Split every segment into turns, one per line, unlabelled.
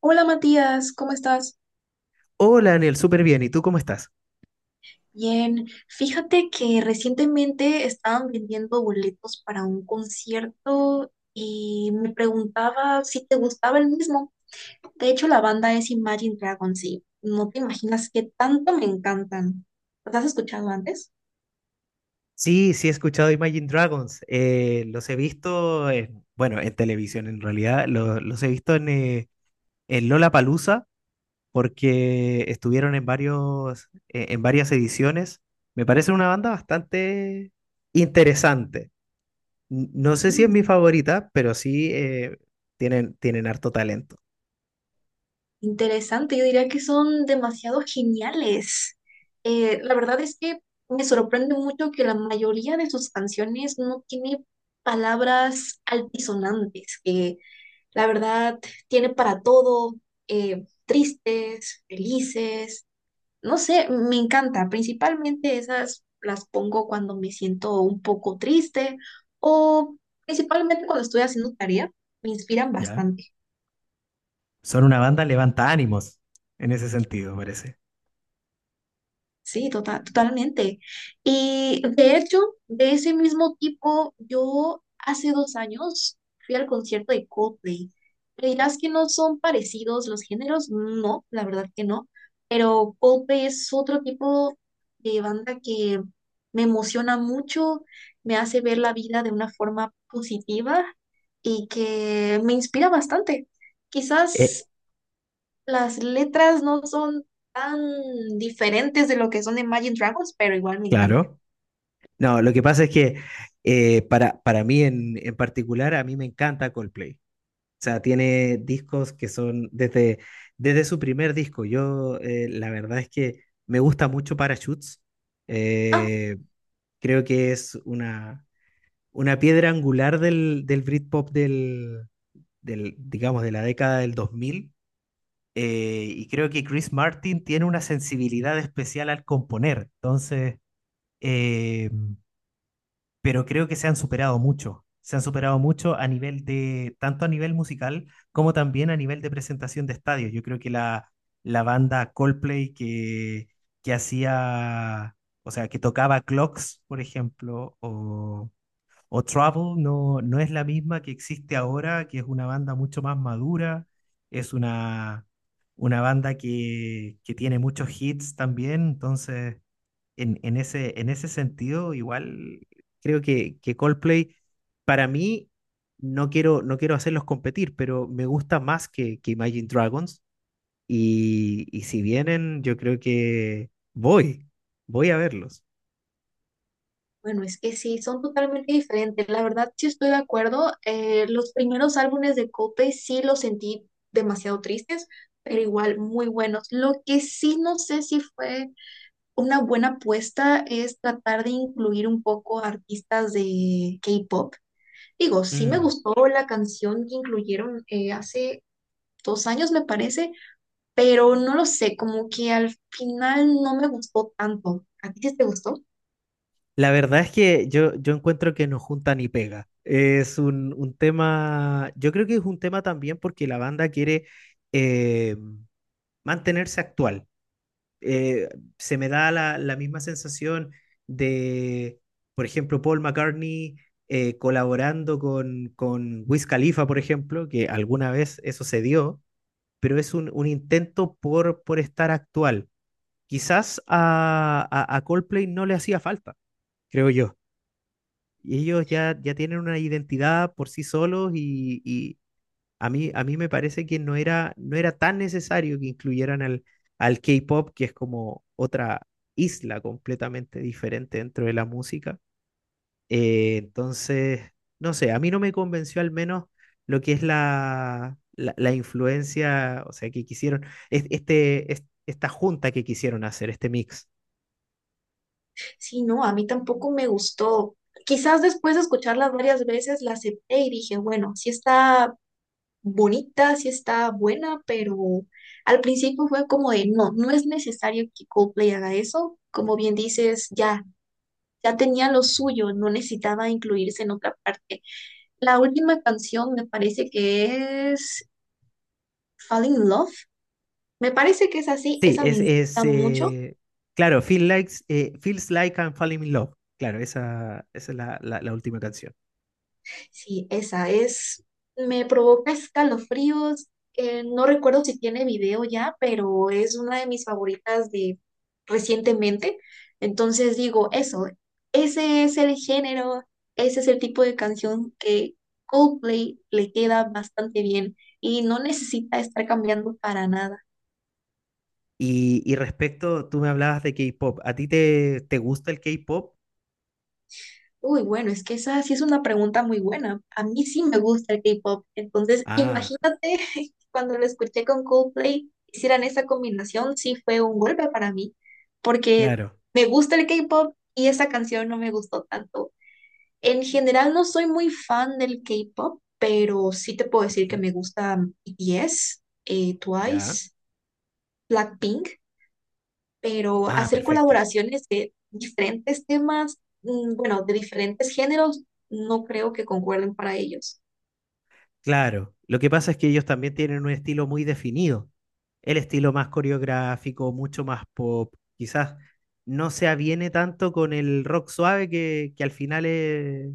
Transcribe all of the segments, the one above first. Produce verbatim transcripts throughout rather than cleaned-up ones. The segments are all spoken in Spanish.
Hola Matías, ¿cómo estás?
Hola, Daniel, súper bien. ¿Y tú cómo estás?
Bien, fíjate que recientemente estaban vendiendo boletos para un concierto y me preguntaba si te gustaba el mismo. De hecho, la banda es Imagine Dragons y no te imaginas qué tanto me encantan. ¿Los has escuchado antes?
Sí, sí he escuchado Imagine Dragons. Eh, los he visto, en- bueno, en televisión en realidad. Lo- los he visto en, eh, en Lollapalooza porque estuvieron en varios, eh, en varias ediciones. Me parece una banda bastante interesante. N- No sé si es
Mm.
mi favorita, pero sí eh, tienen, tienen harto talento.
Interesante, yo diría que son demasiado geniales. Eh, la verdad es que me sorprende mucho que la mayoría de sus canciones no tiene palabras altisonantes, que la verdad, tiene para todo, eh, tristes, felices, no sé, me encanta. Principalmente esas las pongo cuando me siento un poco triste o principalmente cuando estoy haciendo tarea, me inspiran
¿Ya?
bastante.
Son una banda levanta ánimos, en ese sentido, parece.
Sí, tota- totalmente. Y de hecho, de ese mismo tipo, yo hace dos años fui al concierto de Coldplay. Me dirás que no son parecidos los géneros, no, la verdad que no, pero Coldplay es otro tipo de banda que me emociona mucho, me hace ver la vida de una forma positiva y que me inspira bastante.
Eh,
Quizás las letras no son tan diferentes de lo que son de Imagine Dragons, pero igual me encanta.
claro. No, lo que pasa es que eh, para, para mí en, en particular, a mí me encanta Coldplay. O sea, tiene discos que son desde, desde su primer disco. Yo, eh, la verdad es que me gusta mucho Parachutes.
Ah,
Eh, Creo que es una, una piedra angular del, del Britpop del, del, digamos, de la década del dos mil. Eh, y creo que Chris Martin tiene una sensibilidad especial al componer. Entonces, eh, pero creo que se han superado mucho. Se han superado mucho a nivel de, tanto a nivel musical como también a nivel de presentación de estadios. Yo creo que la, la banda Coldplay que, que hacía, o sea, que tocaba Clocks, por ejemplo, o o Trouble no, no es la misma que existe ahora, que es una banda mucho más madura, es una, una banda que, que tiene muchos hits también, entonces en, en ese, en ese sentido igual creo que, que Coldplay, para mí, no quiero, no quiero hacerlos competir, pero me gusta más que, que Imagine Dragons, y, y si vienen yo creo que voy, voy a verlos.
bueno, es que sí, son totalmente diferentes. La verdad, sí estoy de acuerdo. Eh, los primeros álbumes de Coldplay sí los sentí demasiado tristes, pero igual muy buenos. Lo que sí no sé si fue una buena apuesta es tratar de incluir un poco artistas de K-pop. Digo, sí me
Mm.
gustó la canción que incluyeron eh, hace dos años, me parece, pero no lo sé, como que al final no me gustó tanto. ¿A ti sí te gustó?
La verdad es que yo, yo encuentro que no junta ni pega. Es un, un tema, yo creo que es un tema también porque la banda quiere eh, mantenerse actual. Eh, Se me da la, la misma sensación de, por ejemplo, Paul McCartney eh, colaborando con, con Wiz Khalifa, por ejemplo, que alguna vez eso se dio, pero es un, un intento por, por estar actual. Quizás a, a a Coldplay no le hacía falta, creo yo, y ellos ya, ya tienen una identidad por sí solos, y, y a mí, a mí me parece que no era, no era tan necesario que incluyeran al, al K-pop, que es como otra isla completamente diferente dentro de la música. Eh, entonces, no sé, a mí no me convenció al menos lo que es la, la, la influencia, o sea, que quisieron, es- este, es- esta junta que quisieron hacer, este mix.
Sí, no, a mí tampoco me gustó. Quizás después de escucharla varias veces la acepté y dije, bueno, sí está bonita, sí está buena, pero al principio fue como de, no, no es necesario que Coldplay haga eso. Como bien dices, ya, ya tenía lo suyo, no necesitaba incluirse en otra parte. La última canción me parece que es Falling in Love. Me parece que es así,
Sí,
esa me
es, es
encanta mucho.
eh, claro, Feel Likes, eh, Feels Like I'm Falling in Love. Claro, esa, esa es la, la- la última canción.
Sí, esa es, me provoca escalofríos. Eh, no recuerdo si tiene video ya, pero es una de mis favoritas de recientemente. Entonces digo, eso, ese es el género, ese es el tipo de canción que Coldplay le queda bastante bien y no necesita estar cambiando para nada.
Y, y respecto, tú me hablabas de K-pop. ¿A ti te, te gusta el K-pop?
Uy, bueno, es que esa sí es una pregunta muy buena. A mí sí me gusta el K-pop. Entonces,
Ah,
imagínate cuando lo escuché con Coldplay, hicieran esa combinación, sí fue un golpe para mí, porque
claro.
me gusta el K-pop y esa canción no me gustó tanto. En general, no soy muy fan del K-pop, pero sí te puedo decir que
Ujú.
me gusta B T S, eh,
Ya.
Twice, Blackpink, pero
Ah,
hacer
perfecto.
colaboraciones de diferentes temas, mm, bueno, de diferentes géneros, no creo que concuerden para ellos.
Claro. Lo que pasa es que ellos también tienen un estilo muy definido. El estilo más coreográfico, mucho más pop. Quizás no se aviene tanto con el rock suave que, que al final es.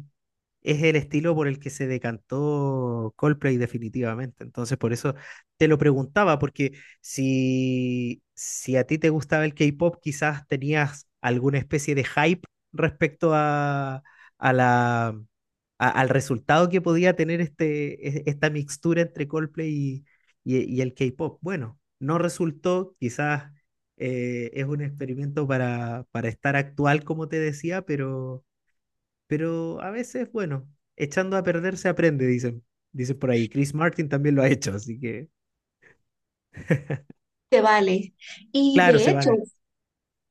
es el estilo por el que se decantó Coldplay definitivamente. Entonces, por eso te lo preguntaba, porque si, si a ti te gustaba el K-pop, quizás tenías alguna especie de hype respecto a, a la, a- al resultado que podía tener este, e- esta mixtura entre Coldplay y, y- y el K-pop. Bueno, no resultó, quizás eh, es un experimento para, para estar actual, como te decía, pero pero a veces, bueno, echando a perder se aprende, dicen. Dicen por ahí. Chris Martin también lo ha hecho, así que
Se vale. Y
claro, se
de hecho,
vale.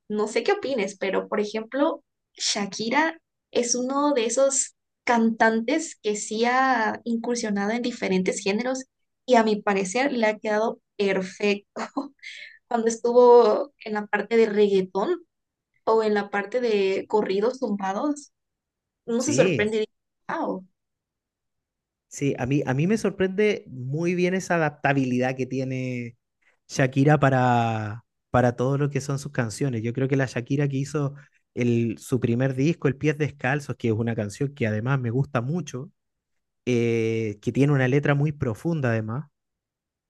no sé qué opines, pero por ejemplo, Shakira es uno de esos cantantes que sí ha incursionado en diferentes géneros y a mi parecer le ha quedado perfecto. Cuando estuvo en la parte de reggaetón o en la parte de corridos tumbados, uno se
Sí,
sorprende y dice, wow.
sí, a mí, a mí me sorprende muy bien esa adaptabilidad que tiene Shakira para, para todo lo que son sus canciones. Yo creo que la Shakira que hizo el, su primer disco, El Pies Descalzos, que es una canción que además me gusta mucho, eh, que tiene una letra muy profunda además,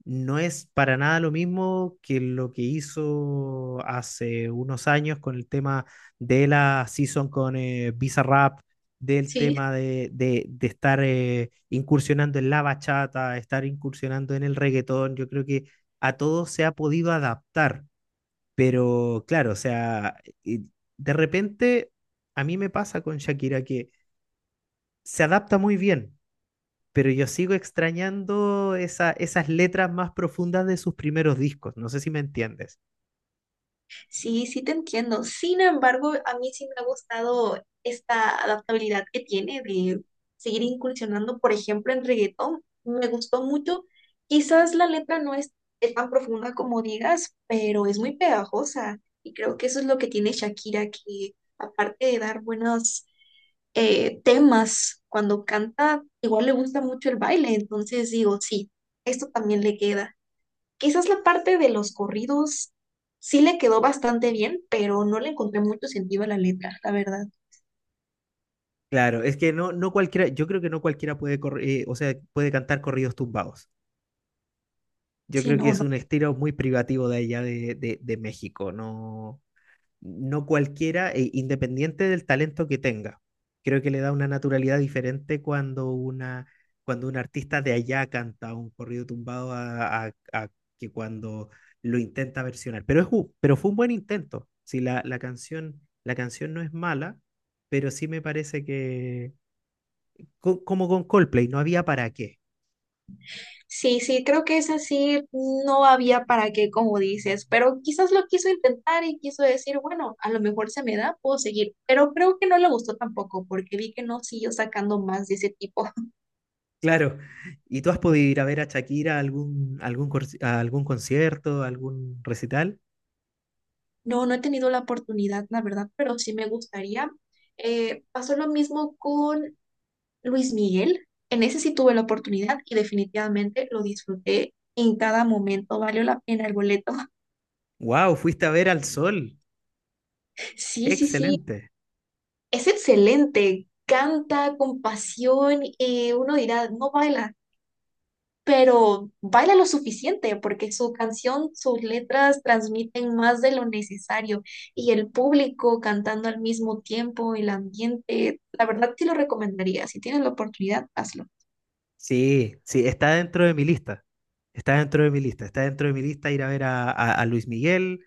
no es para nada lo mismo que lo que hizo hace unos años con el tema de la season con eh, Bizarrap, del
Sí,
tema de, de, de estar eh, incursionando en la bachata, estar incursionando en el reggaetón. Yo creo que a todo se ha podido adaptar, pero claro, o sea, y de repente a mí me pasa con Shakira que se adapta muy bien, pero yo sigo extrañando esa, esas letras más profundas de sus primeros discos, no sé si me entiendes.
sí, sí te entiendo. Sin embargo, a mí sí me ha gustado esta adaptabilidad que tiene de seguir incursionando, por ejemplo, en reggaetón. Me gustó mucho. Quizás la letra no es, es tan profunda como digas, pero es muy pegajosa. Y creo que eso es lo que tiene Shakira, que aparte de dar buenos eh, temas cuando canta, igual le gusta mucho el baile. Entonces digo, sí, esto también le queda. Quizás la parte de los corridos sí le quedó bastante bien, pero no le encontré mucho sentido a la letra, la verdad.
Claro, es que no, no cualquiera, yo creo que no cualquiera puede, corri- eh, o sea, puede cantar corridos tumbados. Yo
Sí,
creo que
no,
es
no.
un estilo muy privativo de allá de, de, de México, no, no cualquiera, e independiente del talento que tenga. Creo que le da una naturalidad diferente cuando una, cuando un artista de allá canta un corrido tumbado a, a- a que cuando lo intenta versionar. Pero, es, un- pero fue un buen intento. Si la, la canción, la canción no es mala, pero sí me parece que, co- como con Coldplay, no había para qué.
Sí, sí, creo que es así, no había para qué, como dices, pero quizás lo quiso intentar y quiso decir, bueno, a lo mejor se me da, puedo seguir, pero creo que no le gustó tampoco, porque vi que no siguió sacando más de ese tipo.
Claro. ¿Y tú has podido ir a ver a Shakira a algún, algún, cor- a algún concierto, a algún recital?
No, no he tenido la oportunidad, la verdad, pero sí me gustaría. Eh, pasó lo mismo con Luis Miguel, en ese sí tuve la oportunidad y definitivamente lo disfruté en cada momento, valió la pena el boleto.
¡Wow! Fuiste a ver al sol.
Sí, sí, sí,
Excelente.
es excelente, canta con pasión y uno dirá, no baila, pero baila lo suficiente porque su canción, sus letras transmiten más de lo necesario y el público cantando al mismo tiempo, el ambiente, la verdad sí lo recomendaría, si tienes la oportunidad, hazlo.
Sí, sí, está dentro de mi lista. Está dentro de mi lista. Está dentro de mi lista ir a ver a, a- a Luis Miguel.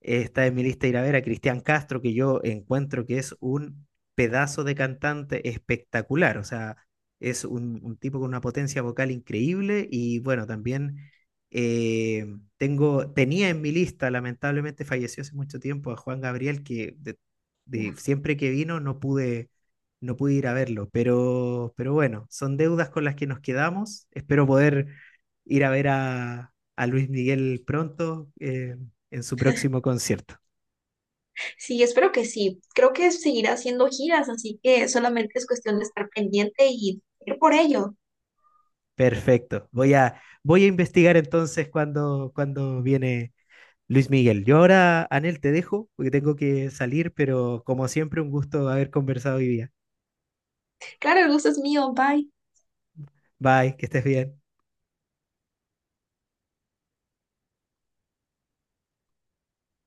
Eh, Está en mi lista ir a ver a Cristian Castro, que yo encuentro que es un pedazo de cantante espectacular. O sea, es un, un tipo con una potencia vocal increíble. Y bueno, también eh, tengo, tenía en mi lista, lamentablemente falleció hace mucho tiempo, a Juan Gabriel, que de- de- siempre que vino no pude, no pude, ir a verlo. Pero, pero bueno, son deudas con las que nos quedamos. Espero poder ir a ver a, a Luis Miguel pronto, eh, en su próximo concierto.
Sí, espero que sí. Creo que seguirá haciendo giras, así que solamente es cuestión de estar pendiente y ir por ello.
Perfecto. Voy a, voy a investigar entonces cuando, cuando viene Luis Miguel. Yo ahora, Anel, te dejo porque tengo que salir, pero como siempre, un gusto haber conversado hoy día.
Claro, el gusto es mío. Bye.
Bye, que estés bien.